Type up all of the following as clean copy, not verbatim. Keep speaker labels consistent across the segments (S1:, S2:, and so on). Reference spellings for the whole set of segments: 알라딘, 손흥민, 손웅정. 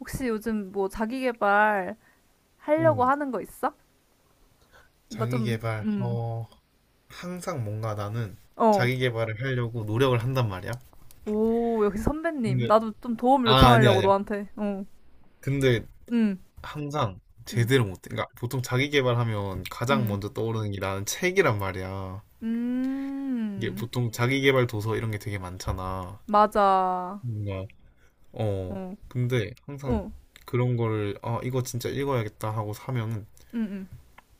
S1: 혹시 요즘 뭐 자기 개발 하려고
S2: 응,
S1: 하는 거 있어? 나 좀,
S2: 자기계발. 어, 항상 뭔가 나는
S1: 어.
S2: 자기계발을 하려고 노력을 한단 말이야.
S1: 오, 역시 선배님.
S2: 근데,
S1: 나도 좀 도움을
S2: 아, 아니야,
S1: 요청하려고
S2: 아니야.
S1: 너한테. 어,
S2: 근데
S1: 음,
S2: 항상
S1: 음,
S2: 제대로 못해. 그러니까 보통 자기계발하면 가장
S1: 음,
S2: 먼저 떠오르는 게 나는 책이란 말이야. 이게
S1: 음.
S2: 보통 자기계발 도서 이런 게 되게 많잖아.
S1: 맞아.
S2: 뭔가, 어.
S1: 어,
S2: 근데 항상
S1: 어,
S2: 그런 거를, 아, 이거 진짜 읽어야겠다 하고 사면은
S1: 음, 음,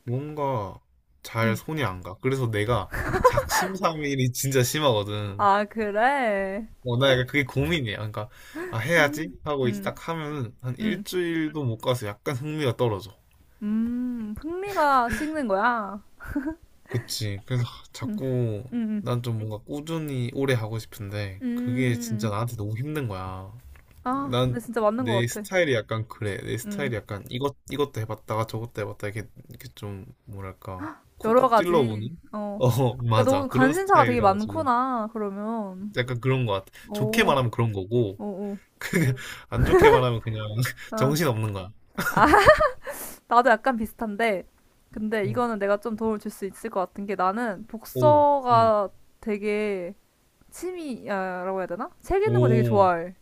S2: 뭔가 잘
S1: 음.
S2: 손이 안 가. 그래서 내가 작심삼일이 진짜 심하거든.
S1: 아, 그래?
S2: 어, 나 약간 그게 고민이야. 그러니까, 아, 해야지? 하고 이제
S1: 음,
S2: 딱 하면은 한
S1: 음,
S2: 일주일도 못 가서 약간 흥미가 떨어져.
S1: 흥미가 식는 거야?
S2: 그치. 그래서 하,
S1: 음, 음,
S2: 자꾸
S1: 음.
S2: 난 좀 뭔가 꾸준히 오래 하고 싶은데, 그게 진짜
S1: 음.
S2: 나한테 너무 힘든 거야.
S1: 아, 근데
S2: 난
S1: 진짜 맞는
S2: 내
S1: 것 같아.
S2: 스타일이 약간 그래. 내 스타일이
S1: 음,
S2: 약간 이것도 해봤다가 저것도 해봤다. 이렇게 좀, 뭐랄까,
S1: 여러
S2: 쿡쿡
S1: 가지.
S2: 찔러보는?
S1: 어.
S2: 어,
S1: 그러니까
S2: 맞아.
S1: 너는
S2: 그런
S1: 관심사가 되게
S2: 스타일이라 가지고.
S1: 많구나, 그러면.
S2: 약간 그런 것 같아. 좋게
S1: 오,
S2: 말하면 그런 거고,
S1: 오, 오.
S2: 그냥 안 좋게 말하면 그냥
S1: 아,
S2: 정신없는 거야.
S1: 아, 나도 약간 비슷한데, 근데
S2: 응.
S1: 이거는 내가 좀 도움을 줄 수 있을 것 같은 게 나는
S2: 오, 응.
S1: 복서가 되게 취미라고 해야 되나? 책 읽는 거 되게
S2: 오,
S1: 좋아해.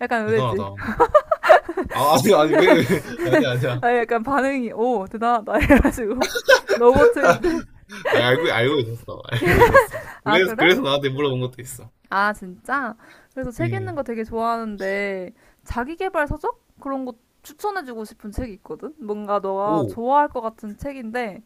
S1: 약간 의외지?
S2: 대단하다. 아, 아니, 아니, 왜, 아니야, 아니야.
S1: 아, 약간 반응이, 오, 대단하다. 이래가지고. 로봇인 줄.
S2: 아니, 알고 있었어. 알고 있었어.
S1: 아,
S2: 그래서,
S1: 그래?
S2: 그래서 나한테 물어본 것도 있어.
S1: 아, 진짜? 그래서 책 읽는
S2: 응.
S1: 거 되게 좋아하는데, 자기계발 서적? 그런 거 추천해주고 싶은 책이 있거든? 뭔가 너가
S2: 오,
S1: 좋아할 것 같은 책인데,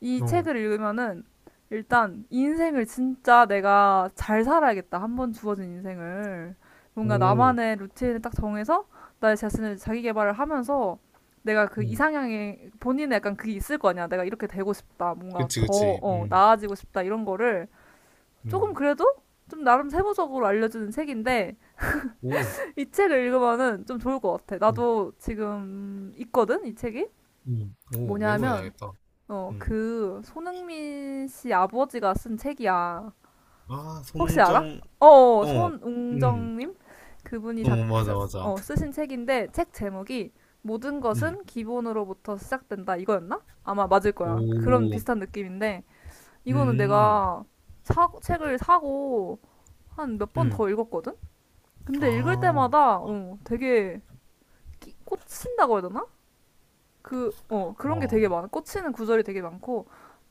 S1: 이
S2: 어,
S1: 책을 읽으면은, 일단, 인생을 진짜 내가 잘 살아야겠다. 한 번 주어진 인생을. 뭔가
S2: 오,
S1: 나만의 루틴을 딱 정해서, 나의 자신을 자기계발을 하면서, 내가 그
S2: 음,
S1: 이상향에, 본인의 약간 그게 있을 거 아니야. 내가 이렇게 되고 싶다. 뭔가
S2: 그치,
S1: 더,
S2: 그치. 응,
S1: 나아지고 싶다. 이런 거를, 조금
S2: 응.
S1: 그래도 좀 나름 세부적으로 알려주는 책인데
S2: 오,
S1: 이 책을 읽으면은 좀 좋을 것 같아.
S2: 응,
S1: 나도 지금 있거든 이 책이.
S2: 응. 오,
S1: 뭐냐면
S2: 메모해놔야겠다.
S1: 어
S2: 응.
S1: 그 손흥민 씨 아버지가 쓴 책이야.
S2: 아,
S1: 혹시 알아?
S2: 손흥정,
S1: 어 어,
S2: 어, 응.
S1: 손웅정님. 그분이
S2: 어, 맞아, 맞아.
S1: 쓰신 책인데 책 제목이 모든
S2: 응.
S1: 것은 기본으로부터 시작된다 이거였나? 아마 맞을 거야. 그런
S2: 오,
S1: 비슷한 느낌인데 이거는
S2: 음,
S1: 내가 책을 사고 한 몇 번
S2: 음.
S1: 더 읽었거든? 근데 읽을
S2: 아,
S1: 때마다 되게 꽂힌다고 해야 되나? 그런 게
S2: 와.
S1: 되게 많아. 꽂히는 구절이 되게 많고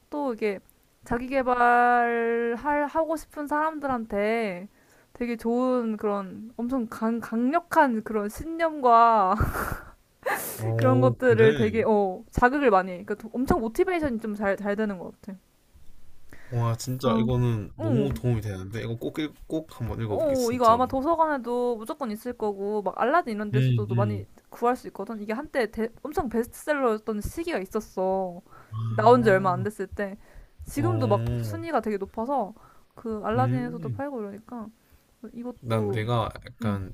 S1: 또 이게 자기 개발할 하고 싶은 사람들한테 되게 좋은 그런 엄청 강력한 그런 신념과 그런
S2: 오,
S1: 것들을
S2: 그래.
S1: 되게 자극을 많이 해. 그러니까 엄청 모티베이션이 좀 잘 되는 것 같아.
S2: 와, 진짜
S1: 어,
S2: 이거는 너무
S1: 응,
S2: 도움이 되는데 이거 꼭, 꼭 한번 읽어볼게
S1: 어, 이거 아마
S2: 진짜로.
S1: 도서관에도 무조건 있을 거고, 막 알라딘 이런
S2: 음,
S1: 데서도 많이
S2: 음.
S1: 구할 수 있거든. 이게 한때 엄청 베스트셀러였던 시기가 있었어. 나온 지 얼마 안
S2: 아,
S1: 됐을 때. 지금도 막
S2: 어,
S1: 순위가 되게 높아서, 그 알라딘에서도
S2: 음.
S1: 팔고 이러니까,
S2: 난
S1: 이것도,
S2: 내가
S1: 응,
S2: 약간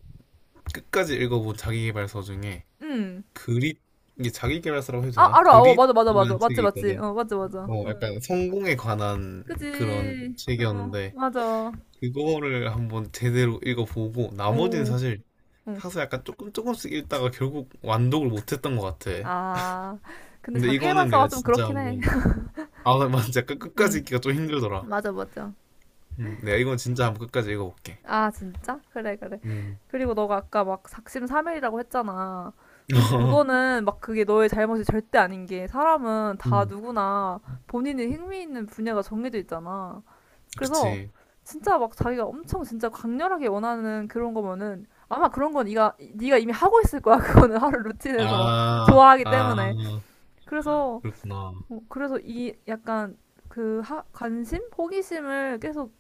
S2: 끝까지 읽어본 자기계발서 중에
S1: 응.
S2: 그릿, 이게 자기계발서라고 해도
S1: 아,
S2: 되나?
S1: 알아. 어, 맞아, 맞아, 맞아.
S2: 그릿이라는
S1: 맞지,
S2: 책이
S1: 맞지.
S2: 있거든.
S1: 어, 맞아, 맞아.
S2: 어, 약간 성공에 관한 그런
S1: 그지. 어,
S2: 책이었는데,
S1: 맞아.
S2: 그거를 한번 제대로 읽어보고 나머지는
S1: 오,
S2: 사실
S1: 응.
S2: 사서 약간 조금씩 읽다가 결국 완독을 못했던 것 같아.
S1: 아, 근데
S2: 근데
S1: 자기
S2: 이거는
S1: 개발사가
S2: 내가
S1: 좀
S2: 진짜
S1: 그렇긴 해.
S2: 한번, 아, 맞아. 끝까지
S1: 응,
S2: 읽기가 좀 힘들더라.
S1: 맞아, 맞아.
S2: 내가 이건 진짜 한번 끝까지 읽어볼게.
S1: 아, 진짜? 그래, 그래.
S2: 음.
S1: 그리고 너가 아까 막 작심 삼일이라고 했잖아. 근데 그거는 막 그게 너의 잘못이 절대 아닌 게 사람은 다
S2: 음,
S1: 누구나 본인이 흥미 있는 분야가 정해져 있잖아. 그래서
S2: 그치.
S1: 진짜 막 자기가 엄청 진짜 강렬하게 원하는 그런 거면은 아마 그런 건 네가 이미 하고 있을 거야. 그거는 하루 루틴에서
S2: 아,
S1: 좋아하기
S2: 아,
S1: 때문에. 그래서
S2: 그렇구나.
S1: 어, 그래서 이 약간 관심? 호기심을 계속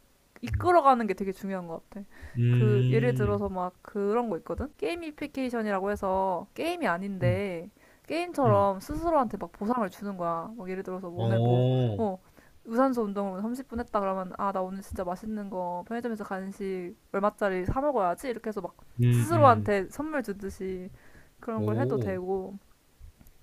S2: 음,
S1: 이끌어가는 게 되게 중요한 것 같아. 그 예를
S2: 음,
S1: 들어서 막 그런 거 있거든? 게이미피케이션이라고 해서 게임이
S2: 음,
S1: 아닌데
S2: 음.
S1: 게임처럼 스스로한테 막 보상을 주는 거야. 막 예를 들어서 뭐 오늘 뭐,
S2: 오,
S1: 어, 유산소 운동을 30분 했다 그러면 아, 나 오늘 진짜 맛있는 거 편의점에서 간식 얼마짜리 사 먹어야지. 이렇게 해서 막
S2: 음, 음,
S1: 스스로한테 선물 주듯이 그런 걸 해도
S2: 오.
S1: 되고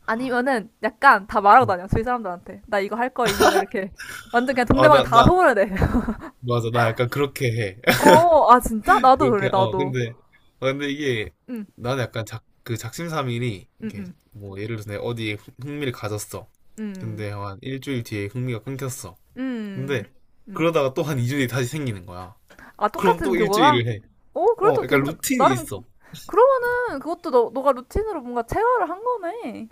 S1: 아니면은 약간 다 말하고
S2: 음.
S1: 다녀 주위 사람들한테 나 이거 할 거임 막 이렇게 완전 그냥
S2: 아,
S1: 동네방에 다 소문을 내.
S2: 맞아. 나 약간 그렇게 해.
S1: 어, 아 진짜? 나도
S2: 그렇게,
S1: 그래
S2: 어,
S1: 나도.
S2: 근데, 어, 근데 이게,
S1: 응,
S2: 나는 약간 작, 그 작심삼일이,
S1: 응,
S2: 이게,
S1: 응,
S2: 뭐, 예를 들어서 내가 어디에 흥미를 가졌어.
S1: 응,
S2: 근데 한 일주일 뒤에 흥미가 끊겼어.
S1: 응,
S2: 근데
S1: 응.
S2: 그러다가 또 한 2주 뒤에 다시 생기는 거야.
S1: 아
S2: 그럼
S1: 똑같은
S2: 또
S1: 그거가?
S2: 일주일을 해.
S1: 어
S2: 어,
S1: 그래도
S2: 약간
S1: 괜찮.
S2: 루틴이
S1: 나름
S2: 있어.
S1: 그러면은 그것도 너 너가 루틴으로 뭔가 체화를 한 거네.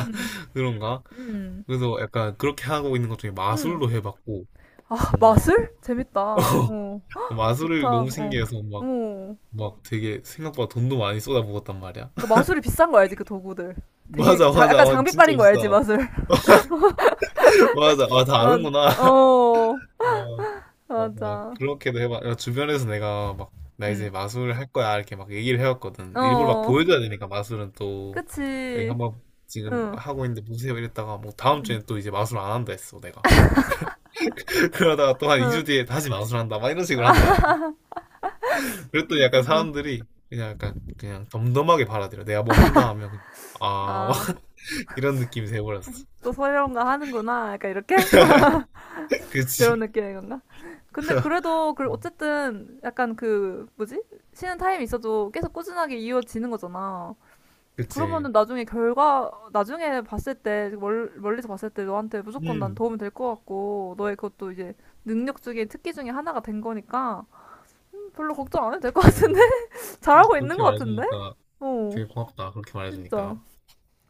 S1: 응,
S2: 그런가?
S1: 응,
S2: 그래서 약간 그렇게 하고 있는 것 중에
S1: 응.
S2: 마술로 해봤고,
S1: 아
S2: 뭔가,
S1: 마술? 재밌다. 어
S2: 마술을
S1: 좋다.
S2: 너무
S1: 어,
S2: 신기해서 막,
S1: 어.
S2: 막 되게 생각보다 돈도 많이 쏟아부었단 말이야.
S1: 그러니까 마술이 비싼 거 알지 그 도구들. 되게
S2: 맞아, 맞아.
S1: 약간
S2: 어, 진짜
S1: 장비빨인 거
S2: 비싸.
S1: 알지 마술?
S2: 맞아. 아, 다
S1: 맞,
S2: 아는구나.
S1: 어,
S2: 어, 맞아.
S1: 맞아.
S2: 그렇게도 해봐. 야, 주변에서 내가 막, 나
S1: 응,
S2: 이제 마술 할 거야. 이렇게 막 얘기를 해왔거든. 일부러 막
S1: 어,
S2: 보여줘야 되니까, 마술은 또. 여기
S1: 그치.
S2: 한번 지금
S1: 응,
S2: 하고 있는데 보세요 이랬다가, 뭐 다음
S1: 응.
S2: 주엔 또 이제 마술 안 한다 했어 내가. 그러다가 또 한 2주
S1: 응,
S2: 뒤에 다시 마술 한다 막 이런 식으로 한 거야. 그랬더니
S1: 진짜,
S2: 약간
S1: 응.
S2: 사람들이 그냥 약간 그냥 덤덤하게 받아들여. 내가 뭐 한다 하면 그냥 아,
S1: 아,
S2: 이런 느낌이 돼버렸어.
S1: 또 소리론가 하는구나. 약간 이렇게? 그런
S2: 그치.
S1: 느낌인 건가? 근데 그래도, 그, 어쨌든, 약간 그, 뭐지? 쉬는 타임이 있어도 계속 꾸준하게 이어지는 거잖아.
S2: 그치.
S1: 그러면은 나중에 결과, 나중에 봤을 때, 멀리서 봤을 때 너한테 무조건 난
S2: 음,
S1: 도움이 될 것 같고, 너의 그것도 이제 능력 중에 특기 중에 하나가 된 거니까, 별로 걱정 안 해도 될 것
S2: 뭐,
S1: 같은데? 잘하고 있는
S2: 그렇게
S1: 것 같은데?
S2: 말해주니까
S1: 어,
S2: 되게 고맙다, 그렇게
S1: 진짜.
S2: 말해주니까.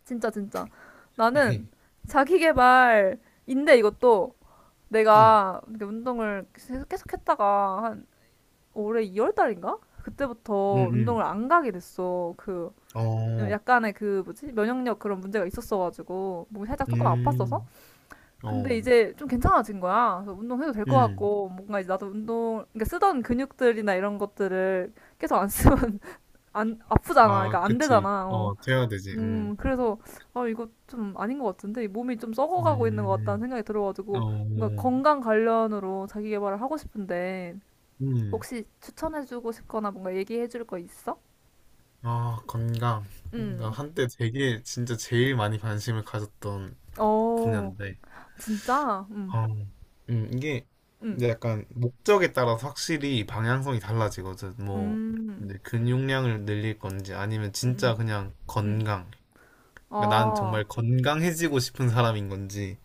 S1: 진짜, 진짜. 나는 자기 개발인데 이것도
S2: 응,
S1: 내가 이렇게 운동을 계속 했다가 한 올해 2월 달인가?
S2: 응,
S1: 그때부터
S2: 응.
S1: 운동을 안 가게 됐어. 그,
S2: 어,
S1: 약간의 그 뭐지? 면역력 그런 문제가 있었어가지고 몸이 살짝 조금 아팠어서
S2: 음,
S1: 근데
S2: 어,
S1: 이제 좀 괜찮아진 거야. 그래서 운동해도 될 것
S2: 음.
S1: 같고 뭔가 이제 나도 운동 그러니까 쓰던 근육들이나 이런 것들을 계속 안 쓰면 안 아프잖아.
S2: 아,
S1: 그러니까 안
S2: 그치.
S1: 되잖아. 어.
S2: 어, 돼야 되지. 음.
S1: 그래서, 아, 이거 좀 아닌 것 같은데, 이 몸이 좀 썩어가고 있는 것
S2: 음,
S1: 같다는 생각이 들어가지고,
S2: 어,
S1: 뭔가 건강 관련으로 자기 개발을 하고 싶은데,
S2: 음,
S1: 혹시 추천해주고 싶거나 뭔가 얘기해줄 거 있어?
S2: 아, 건강. 나
S1: 음,
S2: 한때 되게 진짜 제일 많이 관심을 가졌던
S1: 어,
S2: 분야인데,
S1: 진짜?
S2: 아, 이게
S1: 음,
S2: 이제 약간 목적에 따라서 확실히 방향성이 달라지거든. 뭐,
S1: 음,
S2: 이제 근육량을 늘릴 건지 아니면
S1: 음, 음,
S2: 진짜 그냥
S1: 음.
S2: 건강. 그러니까 난
S1: 아,
S2: 정말 건강해지고 싶은 사람인 건지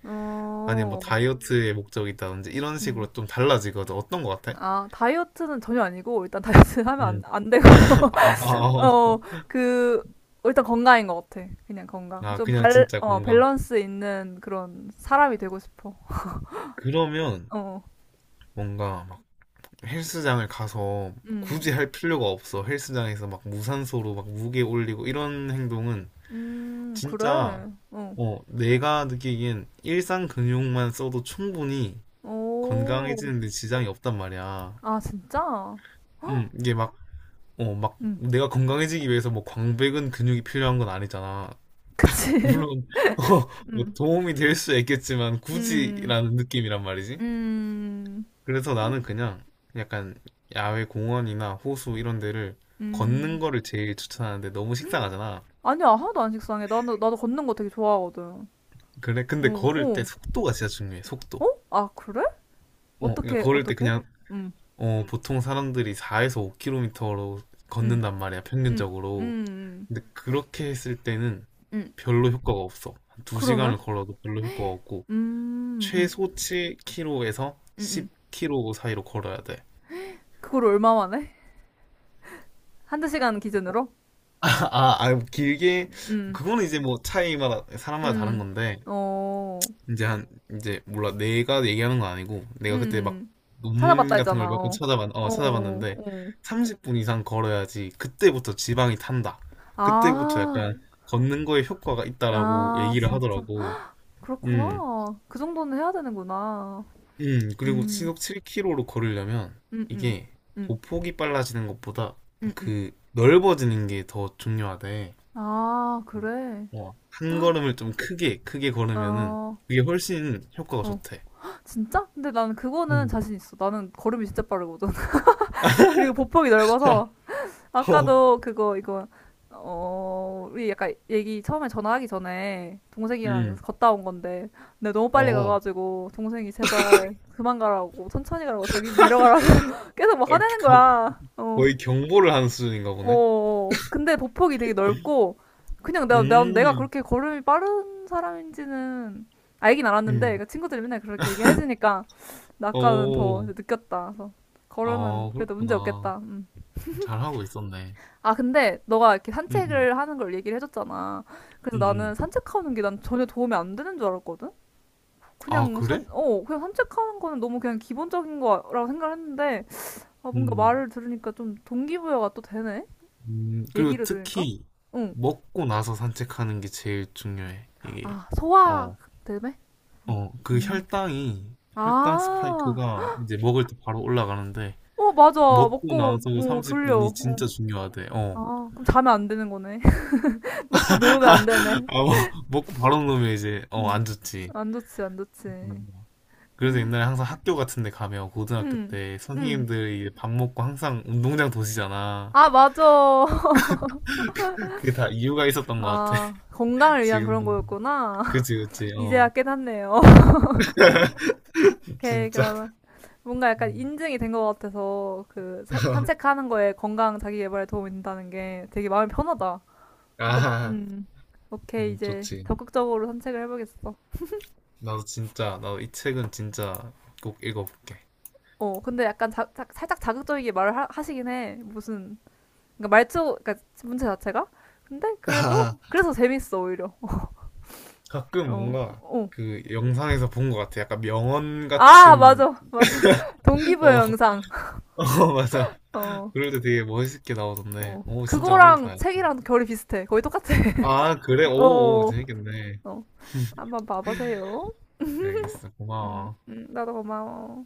S2: 아니면 뭐
S1: 어,
S2: 다이어트의 목적이 있다든지 이런
S1: 음.
S2: 식으로 좀 달라지거든. 어떤 거 같아?
S1: 아, 다이어트는 전혀 아니고, 일단 다이어트 하면 안,
S2: 음.
S1: 안 되고,
S2: 아, 아,
S1: 어,
S2: 아,
S1: 어, 그, 어, 일단 건강인 것 같아. 그냥 건강.
S2: 아,
S1: 좀
S2: 그냥 진짜 건강.
S1: 밸런스 있는 그런 사람이 되고 싶어.
S2: 그러면
S1: 어, 어.
S2: 뭔가 막 헬스장을 가서
S1: 음,
S2: 굳이 할 필요가 없어. 헬스장에서 막 무산소로 막 무게 올리고 이런 행동은 진짜,
S1: 그래. 어,
S2: 어, 내가 느끼기엔 일상 근육만 써도 충분히
S1: 오,
S2: 건강해지는데 지장이 없단 말이야.
S1: 아, 진짜?
S2: 이게 막, 어, 막
S1: 음,
S2: 내가 건강해지기 위해서 뭐 광배근 근육이 필요한 건 아니잖아.
S1: 그치.
S2: 물론, 어, 뭐
S1: 음,
S2: 도움이 될 수 있겠지만
S1: 음,
S2: 굳이라는 느낌이란 말이지.
S1: 음,
S2: 그래서 나는 그냥 약간 야외 공원이나 호수 이런 데를 걷는
S1: 음.
S2: 거를 제일 추천하는데 너무 식상하잖아.
S1: 아니야, 하나도 안 식상해. 나도, 나도 걷는 거 되게 좋아하거든.
S2: 그래, 근데
S1: 어,
S2: 걸을 때
S1: 어,
S2: 속도가 진짜 중요해, 속도.
S1: 어? 아, 그래?
S2: 어, 그러니까
S1: 어떻게,
S2: 걸을 때
S1: 어떻게?
S2: 그냥,
S1: 음,
S2: 어, 보통 사람들이 4에서 5km로
S1: 음,
S2: 걷는단 말이야,
S1: 음,
S2: 평균적으로.
S1: 음,
S2: 근데 그렇게 했을 때는
S1: 음, 음.
S2: 별로 효과가 없어. 한 2시간을
S1: 그러면?
S2: 걸어도 별로 효과가 없고,
S1: 음, 음.
S2: 최소 7km에서
S1: 응응
S2: 10km 사이로 걸어야 돼.
S1: 그걸 얼마 만에? 한두 시간 기준으로?
S2: 길게
S1: 응
S2: 그거는 이제 뭐 차이마다 사람마다 다른
S1: 응
S2: 건데,
S1: 어,
S2: 이제 한, 이제 몰라, 내가 얘기하는 건 아니고 내가 그때 막
S1: 응응 찾아봤다
S2: 논문 같은
S1: 했잖아.
S2: 걸 몇 번
S1: 어, 어,
S2: 찾아봤는데,
S1: 어.
S2: 30분 이상 걸어야지 그때부터 지방이 탄다. 그때부터
S1: 아,
S2: 약간 걷는 거에 효과가 있다라고
S1: 아,
S2: 얘기를
S1: 진짜.
S2: 하더라고. 음,
S1: 그렇구나. 그 정도는 해야 되는구나.
S2: 음, 그리고
S1: 음,
S2: 시속 7km로 걸으려면
S1: 음, 음,
S2: 이게
S1: 음,
S2: 보폭이 빨라지는 것보다
S1: 음, 음.
S2: 그 넓어지는 게 더 중요하대.
S1: 아, 그래.
S2: 어, 한 걸음을 좀 크게 걸으면은
S1: 어,
S2: 그게 훨씬 효과가
S1: 어.
S2: 좋대.
S1: 진짜? 근데 나는 그거는
S2: 음.
S1: 자신 있어. 나는 걸음이 진짜 빠르거든. 그리고 보폭이 넓어서
S2: 어,
S1: 아까도 그거 이거 어 우리 약간 얘기 처음에 전화하기 전에 동생이랑
S2: 음.
S1: 걷다 온 건데 내가 너무 빨리
S2: 어,
S1: 가가지고 동생이 제발 그만 가라고 천천히 가라고 자기는 데려가라고 계속 뭐
S2: 아,
S1: 화내는
S2: 겨-
S1: 거야 어,
S2: 거의 경보를 하는 수준인가
S1: 어
S2: 보네.
S1: 어. 근데 보폭이 되게 넓고 그냥 내가
S2: 음,
S1: 그렇게 걸음이 빠른 사람인지는 알긴 알았는데
S2: 음,
S1: 그러니까 친구들이 맨날 그렇게 얘기해주니까 나 아까는 더
S2: 어.
S1: 느꼈다 그래서 걸음은
S2: 아,
S1: 그래도 문제
S2: 그렇구나.
S1: 없겠다
S2: 잘하고 있었네.
S1: 아, 근데 너가 이렇게
S2: 음, 음,
S1: 산책을 하는 걸 얘기를 해줬잖아. 그래서
S2: 음,
S1: 나는
S2: 음,
S1: 산책하는 게 난 전혀 도움이 안 되는 줄 알았거든?
S2: 아, 그래?
S1: 그냥 산책하는 거는 너무 그냥 기본적인 거라고 생각을 했는데, 아, 뭔가
S2: 음.
S1: 말을 들으니까 좀 동기부여가 또 되네?
S2: 그리고
S1: 얘기를 들으니까?
S2: 특히
S1: 응.
S2: 먹고 나서 산책하는 게 제일 중요해. 이게,
S1: 아, 소화
S2: 어,
S1: 때문에?
S2: 어, 그
S1: 음.
S2: 혈당
S1: 아,
S2: 스파이크가 이제 먹을 때 바로 올라가는데,
S1: 어, 맞아.
S2: 먹고
S1: 먹고,
S2: 나서
S1: 뭐,
S2: 30분이
S1: 졸려. 어.
S2: 진짜 중요하대. 어.
S1: 아, 그럼 자면 안 되는 거네. 먹고 누우면 안 되네.
S2: 아, 뭐, 먹고 바로 놓으면 이제, 어,
S1: 음.
S2: 안 좋지.
S1: 안 좋지, 안 좋지.
S2: 그래서 옛날에 항상 학교 같은 데 가면 고등학교
S1: 응,
S2: 때
S1: 응.
S2: 선생님들이 이제 밥 먹고 항상 운동장 도시잖아.
S1: 아, 맞아.
S2: 그게 다 이유가 있었던 것 같아.
S1: 아, 건강을 위한
S2: 지금
S1: 그런
S2: 보면.
S1: 거였구나.
S2: 그치, 그치,
S1: 이제야
S2: 어.
S1: 깨닫네요. 오케이,
S2: 진짜.
S1: 그러면 뭔가 약간
S2: 음.
S1: 인증이 된 것 같아서 그 산책하는 거에 건강 자기 개발에 도움이 된다는 게 되게 마음이 편하다. 약간,
S2: 아,
S1: 오케이, 이제
S2: 좋지.
S1: 적극적으로 산책을 해보겠어.
S2: 나도 진짜, 나도 이 책은 진짜 꼭 읽어볼게.
S1: 어, 근데 약간 살짝 자극적이게 말을 시긴 해. 무슨, 그러니까 말투, 그러니까 문제 자체가? 근데 그래도,
S2: 아,
S1: 그래서 재밌어, 오히려.
S2: 가끔
S1: 어,
S2: 뭔가
S1: 어.
S2: 그 영상에서 본 것 같아. 약간 명언
S1: 아,
S2: 같은,
S1: 맞아, 맞아. 동기부여
S2: 어.
S1: 영상.
S2: 어, 맞아.
S1: 어.
S2: 그럴 때 되게 멋있게 나오던데.
S1: 어.
S2: 오, 진짜 한번
S1: 그거랑
S2: 읽어봐요.
S1: 책이랑 결이 비슷해. 거의 똑같아.
S2: 아, 그래? 오, 오,
S1: 어.
S2: 재밌겠네.
S1: 어. 한번 봐보세요.
S2: 알겠어. 고마워.
S1: 나도 고마워.